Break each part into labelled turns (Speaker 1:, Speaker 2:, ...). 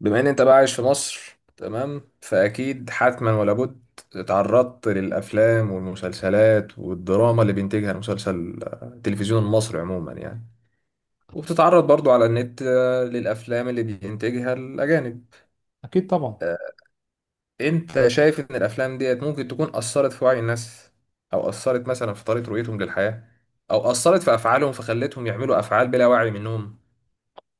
Speaker 1: بما ان انت بقى عايش في مصر، تمام؟ فاكيد حتما ولا بد اتعرضت للافلام والمسلسلات والدراما اللي بينتجها المسلسل آه، التلفزيون المصري عموما يعني. وبتتعرض برضو على النت، للافلام اللي بينتجها الاجانب.
Speaker 2: اكيد طبعا.
Speaker 1: آه، انت شايف ان الافلام ديت ممكن تكون اثرت في وعي الناس، او اثرت مثلا في طريقة رؤيتهم للحياة، او اثرت في افعالهم فخلتهم يعملوا افعال بلا وعي منهم.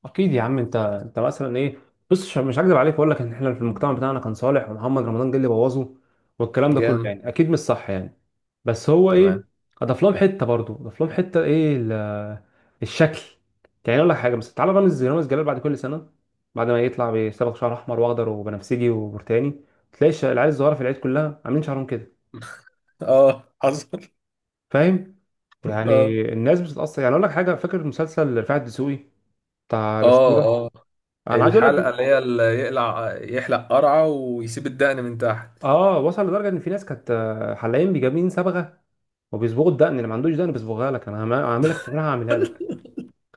Speaker 2: اكيد يا عم. انت مثلا ايه؟ بص، مش هكذب عليك واقول لك ان احنا في المجتمع بتاعنا كان صالح ومحمد رمضان جه اللي بوظه، والكلام ده كله.
Speaker 1: جام،
Speaker 2: يعني اكيد مش صح يعني. بس هو ايه،
Speaker 1: تمام.
Speaker 2: اضاف لهم حته، برضه اضاف لهم حته ايه الشكل. يعني اقول لك حاجه، بس تعالى، رامز جلال، بعد كل سنه، بعد ما يطلع بيصبغ شعر احمر واخضر وبنفسجي وبرتاني، تلاقي العيال الصغيره في العيد كلها عاملين شعرهم كده.
Speaker 1: اه حصل
Speaker 2: فاهم؟
Speaker 1: اه،
Speaker 2: يعني الناس بتتاثر. يعني اقول لك حاجه، فاكر مسلسل رفاعي الدسوقي، بتاع
Speaker 1: اه،
Speaker 2: الاسطوره؟
Speaker 1: اه،
Speaker 2: انا عايز اقول
Speaker 1: الحلقة
Speaker 2: لك،
Speaker 1: اللي هي اللي يقلع يحلق قرعة ويسيب الدقن من تحت.
Speaker 2: اه وصل لدرجه ان في ناس كانت حلاقين بيجابين صبغه وبيصبغوا الدقن، اللي ما عندوش دقن بيصبغها لك. انا هعملها لك، تكون هعملها لك.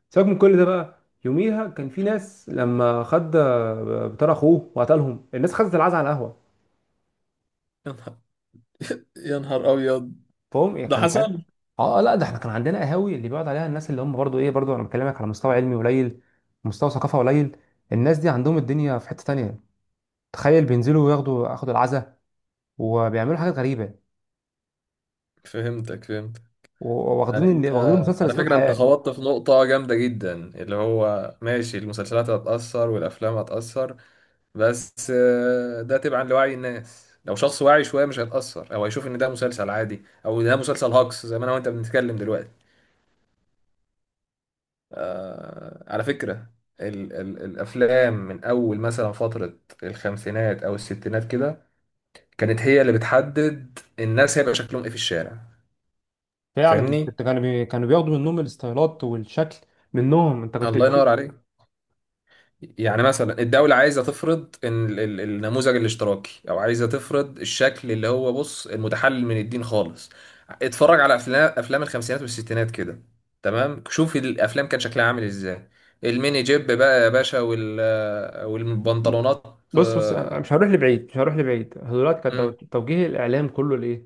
Speaker 2: سيبك من كل ده بقى. يوميها كان في ناس لما خد بتاع اخوه وقتلهم، الناس خدت العزا على القهوه.
Speaker 1: يا نهار، يا نهار أبيض.
Speaker 2: فهم يعني
Speaker 1: ده
Speaker 2: كان كانت.
Speaker 1: حصل؟
Speaker 2: اه، لا، ده احنا كان عندنا قهاوي اللي بيقعد عليها الناس اللي هم برضو ايه، برضو انا بكلمك على مستوى علمي قليل، مستوى ثقافه قليل. الناس دي عندهم الدنيا في حته تانية. تخيل بينزلوا وياخدوا العزا، وبيعملوا حاجات غريبه،
Speaker 1: فهمتك، فهمت. يعني انت،
Speaker 2: واخدين مسلسل
Speaker 1: على
Speaker 2: اسلوب
Speaker 1: فكرة، انت
Speaker 2: حياه.
Speaker 1: خبطت في نقطة جامدة جدا، اللي هو ماشي، المسلسلات هتأثر والأفلام هتأثر، بس ده تبعا لوعي الناس. لو شخص واعي شوية مش هيتأثر، أو هيشوف إن ده مسلسل عادي أو ده مسلسل هاكس زي ما أنا وأنت بنتكلم دلوقتي. آه، على فكرة، ال الأفلام من أول مثلا فترة الخمسينات أو الستينات كده كانت هي اللي بتحدد الناس هيبقى شكلهم إيه في الشارع.
Speaker 2: فعلا
Speaker 1: فاهمني؟
Speaker 2: كنت، كانوا بياخدوا منهم الستايلات والشكل، منهم انت كنت
Speaker 1: الله
Speaker 2: تشوف.
Speaker 1: ينور عليك. يعني مثلا الدولة عايزة تفرض إن ال النموذج الاشتراكي، أو عايزة تفرض الشكل اللي هو، بص، المتحلل من الدين خالص. اتفرج على أفلام الخمسينات والستينات كده، تمام؟ شوف الأفلام كان شكلها عامل إزاي، الميني جيب بقى يا باشا، وال، والبنطلونات.
Speaker 2: بص بص، انا
Speaker 1: آه،
Speaker 2: مش هروح لبعيد، مش هروح لبعيد. دلوقتي كان
Speaker 1: امم،
Speaker 2: توجيه الاعلام كله لايه؟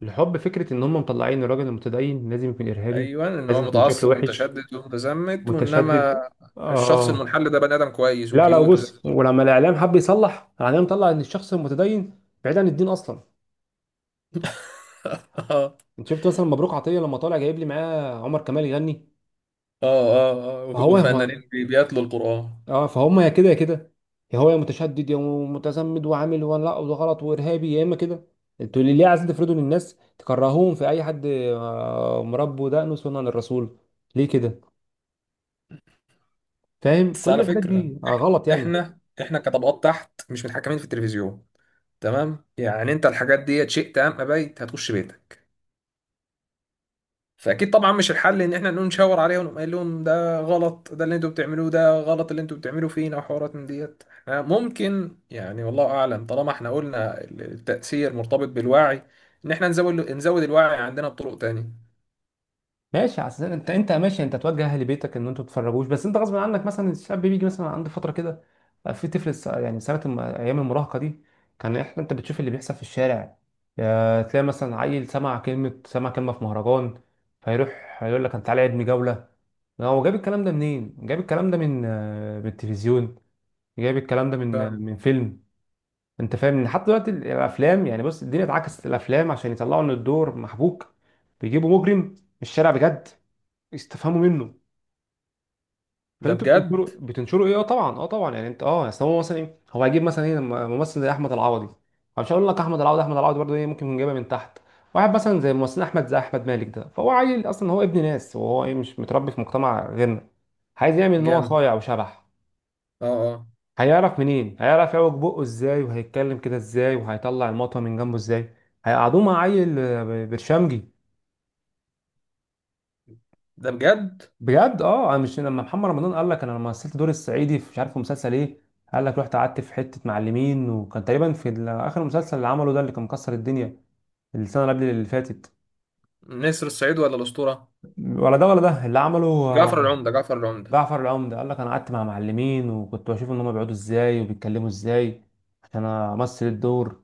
Speaker 2: لحب فكره ان هم مطلعين الراجل المتدين لازم يكون ارهابي،
Speaker 1: ايوه، ان هو
Speaker 2: لازم يكون شكله
Speaker 1: متعصب
Speaker 2: وحش،
Speaker 1: ومتشدد ومتزمت، وانما
Speaker 2: متشدد.
Speaker 1: الشخص
Speaker 2: اه.
Speaker 1: المنحل ده بني ادم كويس
Speaker 2: لا،
Speaker 1: وكيوت وزي.
Speaker 2: بص، ولما الاعلام حب يصلح، الاعلام طلع ان الشخص المتدين بعيد عن الدين اصلا.
Speaker 1: اه،
Speaker 2: انت شفت مثلا مبروك عطيه لما طالع جايب لي معاه عمر كمال يغني؟
Speaker 1: اه، اه، اه،
Speaker 2: فهو هو،
Speaker 1: وفنانين بيتلوا القرآن.
Speaker 2: اه فهم، يا كده يا كده، يا هو يا متشدد، يا متزمد وعامل وانا لا وده غلط وارهابي، يا اما كده. انتوا ليه عايزين تفرضوا للناس تكرهوهم في اي حد مربي ودقنه سنة للرسول؟ ليه كده؟ فاهم؟
Speaker 1: بس
Speaker 2: كل
Speaker 1: على
Speaker 2: الحاجات
Speaker 1: فكرة،
Speaker 2: دي غلط يعني.
Speaker 1: احنا كطبقات تحت مش متحكمين في التلفزيون، تمام؟ يعني انت الحاجات دي، شئت ام ابيت، هتخش بيتك. فاكيد طبعا مش الحل ان احنا نقوم نشاور عليهم ونقوم قايل لهم ده غلط، ده اللي انتوا بتعملوه ده غلط اللي انتوا بتعملوه فينا وحوارات من ديت. احنا ممكن، يعني والله اعلم، طالما احنا قلنا التأثير مرتبط بالوعي، ان احنا نزود الوعي عندنا بطرق تانية.
Speaker 2: ماشي، عشان انت، انت ماشي انت توجه اهل بيتك ان انتوا تتفرجوش، بس انت غصب عنك مثلا الشاب بيجي مثلا عند فتره كده، بقى في طفل يعني سنه ايام المراهقه دي. كان احنا انت بتشوف اللي بيحصل في الشارع، يا تلاقي مثلا عيل سمع كلمه، سمع كلمه في مهرجان، فيروح يقول لك انا تعالى ابني جوله. هو جاب الكلام ده منين؟ جاب الكلام ده من من التلفزيون، جاب الكلام ده من
Speaker 1: فاهم؟
Speaker 2: من فيلم. انت فاهم؟ ان حتى دلوقتي الافلام يعني، بص، الدنيا اتعكست، الافلام عشان يطلعوا ان الدور محبوك بيجيبوا مجرم من الشارع بجد يستفهموا منه.
Speaker 1: ده
Speaker 2: فانتوا
Speaker 1: بجد.
Speaker 2: بتنشروا ايه؟ اه طبعا، اه طبعا. يعني انت اه، يعني اصل هو مثلا ايه، هو هيجيب مثلا ايه لما ممثل زي احمد العوضي، أنا مش هقول لك احمد العوضي، احمد العوضي برضه ايه ممكن يكون جايبها من تحت. واحد مثلا زي ممثل احمد، زي احمد مالك ده، فهو عيل اصلا، هو ابن ناس، وهو ايه مش متربي في مجتمع غيرنا، عايز يعمل ان هو
Speaker 1: جامد.
Speaker 2: صايع وشبح.
Speaker 1: اه. اه.
Speaker 2: هيعرف منين؟ هيعرف يعوج بقه ازاي، وهيتكلم كده ازاي، وهيطلع المطوه من جنبه ازاي؟ هيقعدوه مع عيل برشامجي.
Speaker 1: ده بجد.
Speaker 2: بجد اه. انا مش لما محمد رمضان قال لك انا لما مثلت دور الصعيدي في، مش عارف في مسلسل ايه، قال لك رحت قعدت في حته معلمين. وكان تقريبا في اخر مسلسل اللي عمله ده، اللي كان مكسر الدنيا السنه اللي قبل اللي فاتت،
Speaker 1: نسر الصعيد ولا الأسطورة؟
Speaker 2: ولا ده ولا ده اللي عمله
Speaker 1: جعفر العمدة، جعفر العمدة.
Speaker 2: جعفر العمدة، قال لك انا قعدت مع معلمين وكنت بشوف ان هم بيقعدوا ازاي وبيتكلموا ازاي عشان امثل الدور.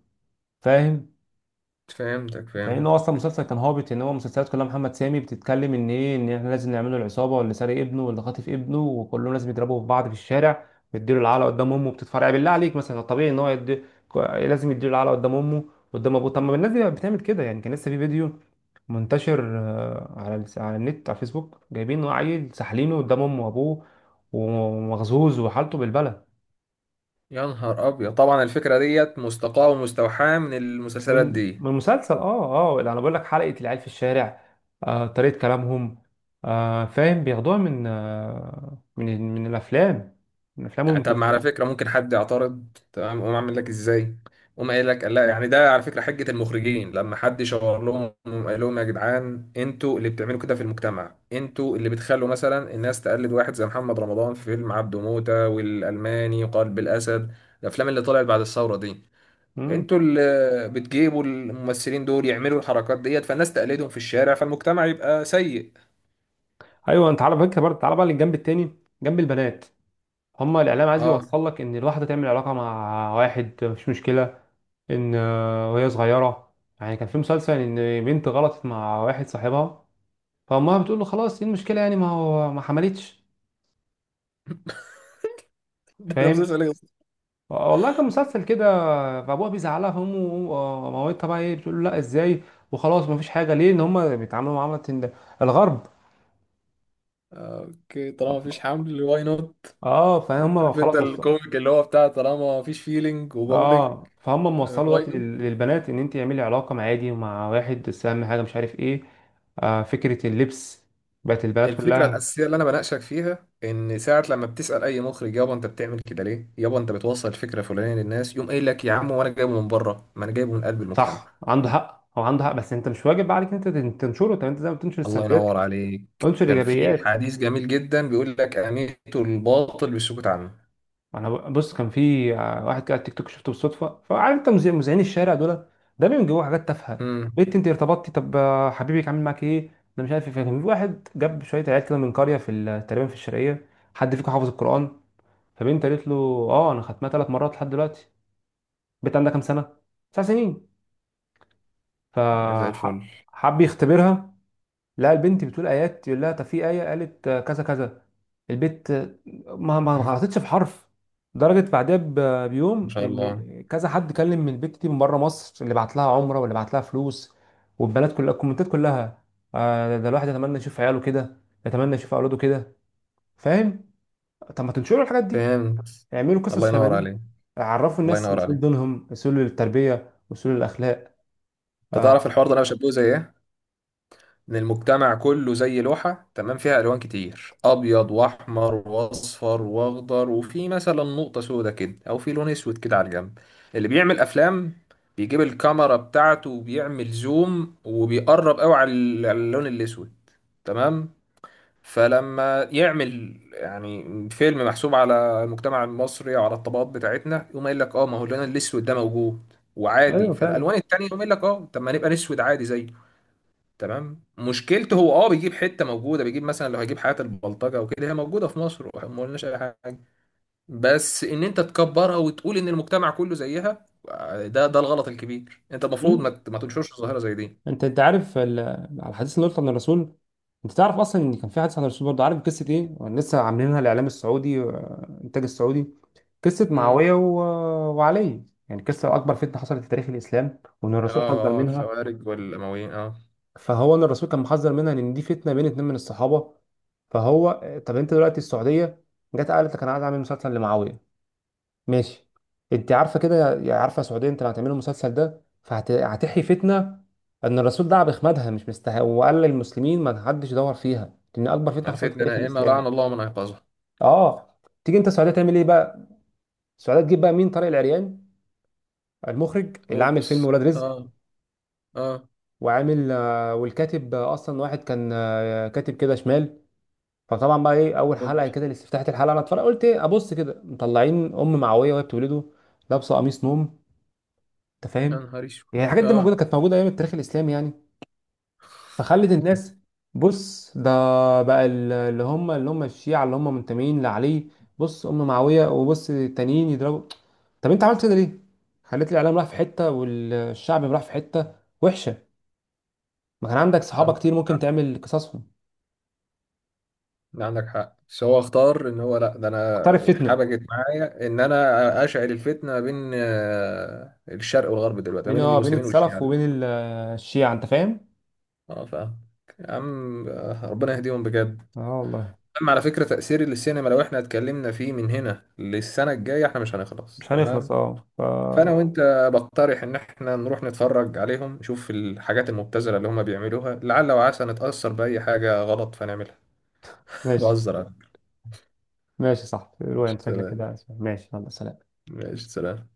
Speaker 2: فاهم؟
Speaker 1: فهمتك،
Speaker 2: فإن
Speaker 1: فهمت.
Speaker 2: هو أصلا المسلسل كان هابط، إن هو المسلسلات كلها محمد سامي بتتكلم إن إيه، إن إحنا لازم نعمله العصابة واللي سارق ابنه واللي خاطف ابنه، وكلهم لازم يضربوا في بعض في الشارع، بيديله العلقة قدام أمه، بتتفرع. بالله عليك مثلا الطبيعي إن هو يدي... لازم يديله العلقة قدام أمه، قدام أبوه؟ طب ما الناس دي بتعمل كده. يعني كان لسه في فيديو منتشر على على النت، على الفيسبوك، جايبين عيل سحلينه قدام أمه وأبوه ومغزوز وحالته بالبلد.
Speaker 1: يا نهار ابيض، طبعا الفكرة ديت مستقاة ومستوحاة من المسلسلات
Speaker 2: من
Speaker 1: دي.
Speaker 2: من مسلسل. اه اه، اللي انا بقول لك، حلقة العيال في الشارع، آه طريقة كلامهم، آه فاهم، بياخدوها من من الافلام، من الافلام
Speaker 1: يعني طب، ما على
Speaker 2: والمسلسلات.
Speaker 1: فكرة ممكن حد يعترض، تمام؟ قوم عامل لك ازاي، قوم قايل لك لا، يعني ده على فكرة حجة المخرجين لما حد شاور لهم، قوم قال لهم يا جدعان انتوا اللي بتعملوا كده في المجتمع، انتوا اللي بتخلوا مثلا الناس تقلد واحد زي محمد رمضان في فيلم عبده موتة والألماني وقلب الأسد، الأفلام اللي طلعت بعد الثورة دي.
Speaker 2: امم.
Speaker 1: انتوا اللي بتجيبوا الممثلين دول يعملوا الحركات ديت، فالناس تقلدهم في الشارع، فالمجتمع يبقى سيء.
Speaker 2: ايوه. انت على فكره برضه، تعالى بقى للجنب التاني، جنب البنات. هما الاعلام عايز
Speaker 1: اه
Speaker 2: يوصل لك ان الواحده تعمل علاقه مع واحد مفيش مشكله، ان وهي صغيره. يعني كان في مسلسل ان بنت غلطت مع واحد صاحبها، فامها بتقول له خلاص ايه المشكله، يعني ما هو ما حملتش.
Speaker 1: ده ده
Speaker 2: فاهم؟
Speaker 1: مسلسل ايه يا
Speaker 2: والله كان مسلسل كده. فابوها بيزعلها، فامه ومامتها بقى ايه بتقول له لا ازاي، وخلاص مفيش حاجه؟ ليه؟ ان هم بيتعاملوا معامله الغرب.
Speaker 1: أستاذ؟ طالما مفيش حمل واي نوت.
Speaker 2: اه فهم
Speaker 1: عارف انت
Speaker 2: خلاص بس.
Speaker 1: الكوميك اللي هو بتاع طالما مفيش فيلينج وبابليك
Speaker 2: اه فهم، موصلوا
Speaker 1: واي
Speaker 2: دلوقتي
Speaker 1: نوت؟
Speaker 2: للبنات ان انت اعملي علاقه مع عادي ومع واحد، بس اهم حاجه مش عارف ايه. آه فكره اللبس، بقت البنات
Speaker 1: الفكره
Speaker 2: كلها.
Speaker 1: الاساسيه اللي انا بناقشك فيها، ان ساعه لما بتسال اي مخرج يابا انت بتعمل كده ليه، يابا انت بتوصل فكره فلانيه للناس، يقوم قايل لك يا عم وانا جايبه من بره، ما انا جايبه من قلب
Speaker 2: صح،
Speaker 1: المجتمع.
Speaker 2: عنده حق، هو عنده حق، بس انت مش واجب عليك انت تنشره. طب انت زي ما بتنشر
Speaker 1: الله
Speaker 2: السلبيات،
Speaker 1: ينور عليك.
Speaker 2: انشر
Speaker 1: كان في
Speaker 2: الايجابيات.
Speaker 1: حديث جميل جدا بيقول لك اميتوا الباطل بالسكوت عنه.
Speaker 2: انا بص، كان في واحد كده على التيك توك شفته بالصدفه. فعارف انت مذيعين الشارع دول؟ ده بيبقى جوه حاجات تافهه،
Speaker 1: امم.
Speaker 2: بنت انت ارتبطتي طب حبيبك عامل معاك ايه، انا مش عارف ايه. فكان في واحد جاب شويه عيال كده من قريه في تقريبا في الشرقيه، حد فيكم حافظ القران؟ فبنت قالت له اه انا ختمها 3 مرات لحد دلوقتي. البنت عندها كام سنه؟ 9 سنين.
Speaker 1: زي الفل
Speaker 2: فحب يختبرها، لا البنت بتقول ايات، يقول لها طب في ايه، قالت كذا كذا، البت ما غلطتش في حرف. درجة بعدها
Speaker 1: ما
Speaker 2: بيوم
Speaker 1: شاء الله.
Speaker 2: ان كذا حد كلم من البت دي من بره مصر، اللي بعت لها عمره واللي بعت لها فلوس، والبنات كلها الكومنتات كلها ده الواحد يتمنى يشوف عياله كده، يتمنى يشوف اولاده كده. فاهم؟ طب ما تنشروا الحاجات دي،
Speaker 1: فهمت.
Speaker 2: اعملوا
Speaker 1: الله
Speaker 2: قصص شبه
Speaker 1: ينور
Speaker 2: دي،
Speaker 1: عليك.
Speaker 2: عرفوا
Speaker 1: الله
Speaker 2: الناس
Speaker 1: ينور
Speaker 2: اصول
Speaker 1: عليك.
Speaker 2: دينهم، اصول التربية، اصول الاخلاق.
Speaker 1: انت
Speaker 2: آه،
Speaker 1: تعرف الحوار ده انا بشبهه زي ايه؟ ان المجتمع كله زي لوحة، تمام؟ فيها الوان كتير، ابيض واحمر واصفر واخضر، وفي مثلا نقطة سودة كده او في لون اسود كده على الجنب. اللي بيعمل افلام بيجيب الكاميرا بتاعته وبيعمل زوم وبيقرب قوي على على اللون الاسود، تمام؟ فلما يعمل يعني فيلم محسوب على المجتمع المصري أو على الطبقات بتاعتنا، يقوم قايل لك اه ما هو اللون الاسود ده موجود وعادي
Speaker 2: ايوه فعلا.
Speaker 1: فالالوان التانية، يقوم قايل لك اه طب ما نبقى نسود عادي زيه. تمام؟ مشكلته هو اه بيجيب حته موجوده، بيجيب مثلا لو هيجيب حياه البلطجه وكده، هي موجوده في مصر وما قلناش اي حاجه، بس ان انت تكبرها وتقول ان المجتمع كله زيها، ده ده الغلط الكبير. انت المفروض
Speaker 2: مم.
Speaker 1: ما تنشرش ظاهره زي دي.
Speaker 2: انت، انت عارف على الحديث اللي قلت عن الرسول، انت تعرف اصلا ان كان في حديث عن الرسول برضه؟ عارف قصه ايه لسه عاملينها الاعلام السعودي الانتاج السعودي؟ قصه
Speaker 1: امم.
Speaker 2: معاويه و... وعلي، يعني قصه اكبر فتنه حصلت في تاريخ الاسلام، وان
Speaker 1: اه،
Speaker 2: الرسول حذر
Speaker 1: اه،
Speaker 2: منها.
Speaker 1: الخوارج والامويين، اه.
Speaker 2: فهو ان الرسول كان محذر منها لان دي فتنه بين 2 من الصحابه. فهو طب انت دلوقتي السعوديه جت قالت لك انا عايز اعمل مسلسل لمعاويه، ماشي، انت عارفه كده، يا عارفه سعوديه انت لو هتعملوا المسلسل ده فهتحيي فتنه ان الرسول دعا باخمادها، مش مستحق، وقال للمسلمين ما حدش يدور فيها، لان اكبر فتنه حصلت في
Speaker 1: الفتنه
Speaker 2: تاريخ
Speaker 1: نائمه
Speaker 2: الاسلام.
Speaker 1: لعن الله من ايقظها.
Speaker 2: اه. تيجي انت السعوديه تعمل ايه بقى؟ السعوديه تجيب بقى مين؟ طارق العريان، المخرج اللي عامل فيلم
Speaker 1: اوبس،
Speaker 2: ولاد رزق،
Speaker 1: اه. اه.
Speaker 2: وعامل والكاتب اصلا واحد كان كاتب كده شمال. فطبعا بقى ايه، اول حلقه
Speaker 1: اوبس.
Speaker 2: كده لاستفتاحه الحلقه، انا اتفرجت قلت ايه، ابص كده مطلعين ام معويه وهي بتولده، لابسه قميص نوم. انت
Speaker 1: يا
Speaker 2: فاهم؟
Speaker 1: نهار اسود.
Speaker 2: يعني الحاجات دي موجوده،
Speaker 1: اه.
Speaker 2: كانت موجوده ايام التاريخ الاسلامي يعني؟ فخلت الناس، بص ده بقى اللي هم، الشيعه اللي هم منتمين لعلي، بص ام معاويه، وبص التانيين يضربوا. طب انت عملت كده ليه؟ خليت الاعلام راح في حته والشعب راح في حته. وحشه. ما كان عندك صحابه كتير ممكن
Speaker 1: عندك،
Speaker 2: تعمل قصصهم.
Speaker 1: عندك حق، بس هو اختار ان هو لا، ده انا
Speaker 2: اختار فتنه
Speaker 1: حبكت معايا ان انا اشعل الفتنه ما بين، آه، الشرق والغرب دلوقتي، ما
Speaker 2: بين
Speaker 1: بين
Speaker 2: اه بين
Speaker 1: المسلمين والشيعه
Speaker 2: السلف وبين
Speaker 1: دلوقتي.
Speaker 2: الشيعه. انت فاهم؟
Speaker 1: اه، فاهم. يا عم، آه، ربنا يهديهم بجد.
Speaker 2: اه والله.
Speaker 1: اما على فكره تاثير السينما لو احنا اتكلمنا فيه من هنا للسنه الجايه احنا مش هنخلص،
Speaker 2: مش
Speaker 1: تمام؟
Speaker 2: هنخلص، اه.
Speaker 1: فانا وانت بقترح ان احنا نروح نتفرج عليهم، نشوف الحاجات المبتذله اللي هم بيعملوها، لعل وعسى نتاثر باي حاجه غلط فنعملها.
Speaker 2: ماشي.
Speaker 1: بهزر أنا.
Speaker 2: ماشي صح الرواية، انت شكلك
Speaker 1: تمام،
Speaker 2: كده ماشي، يلا سلام.
Speaker 1: ماشي، سلام.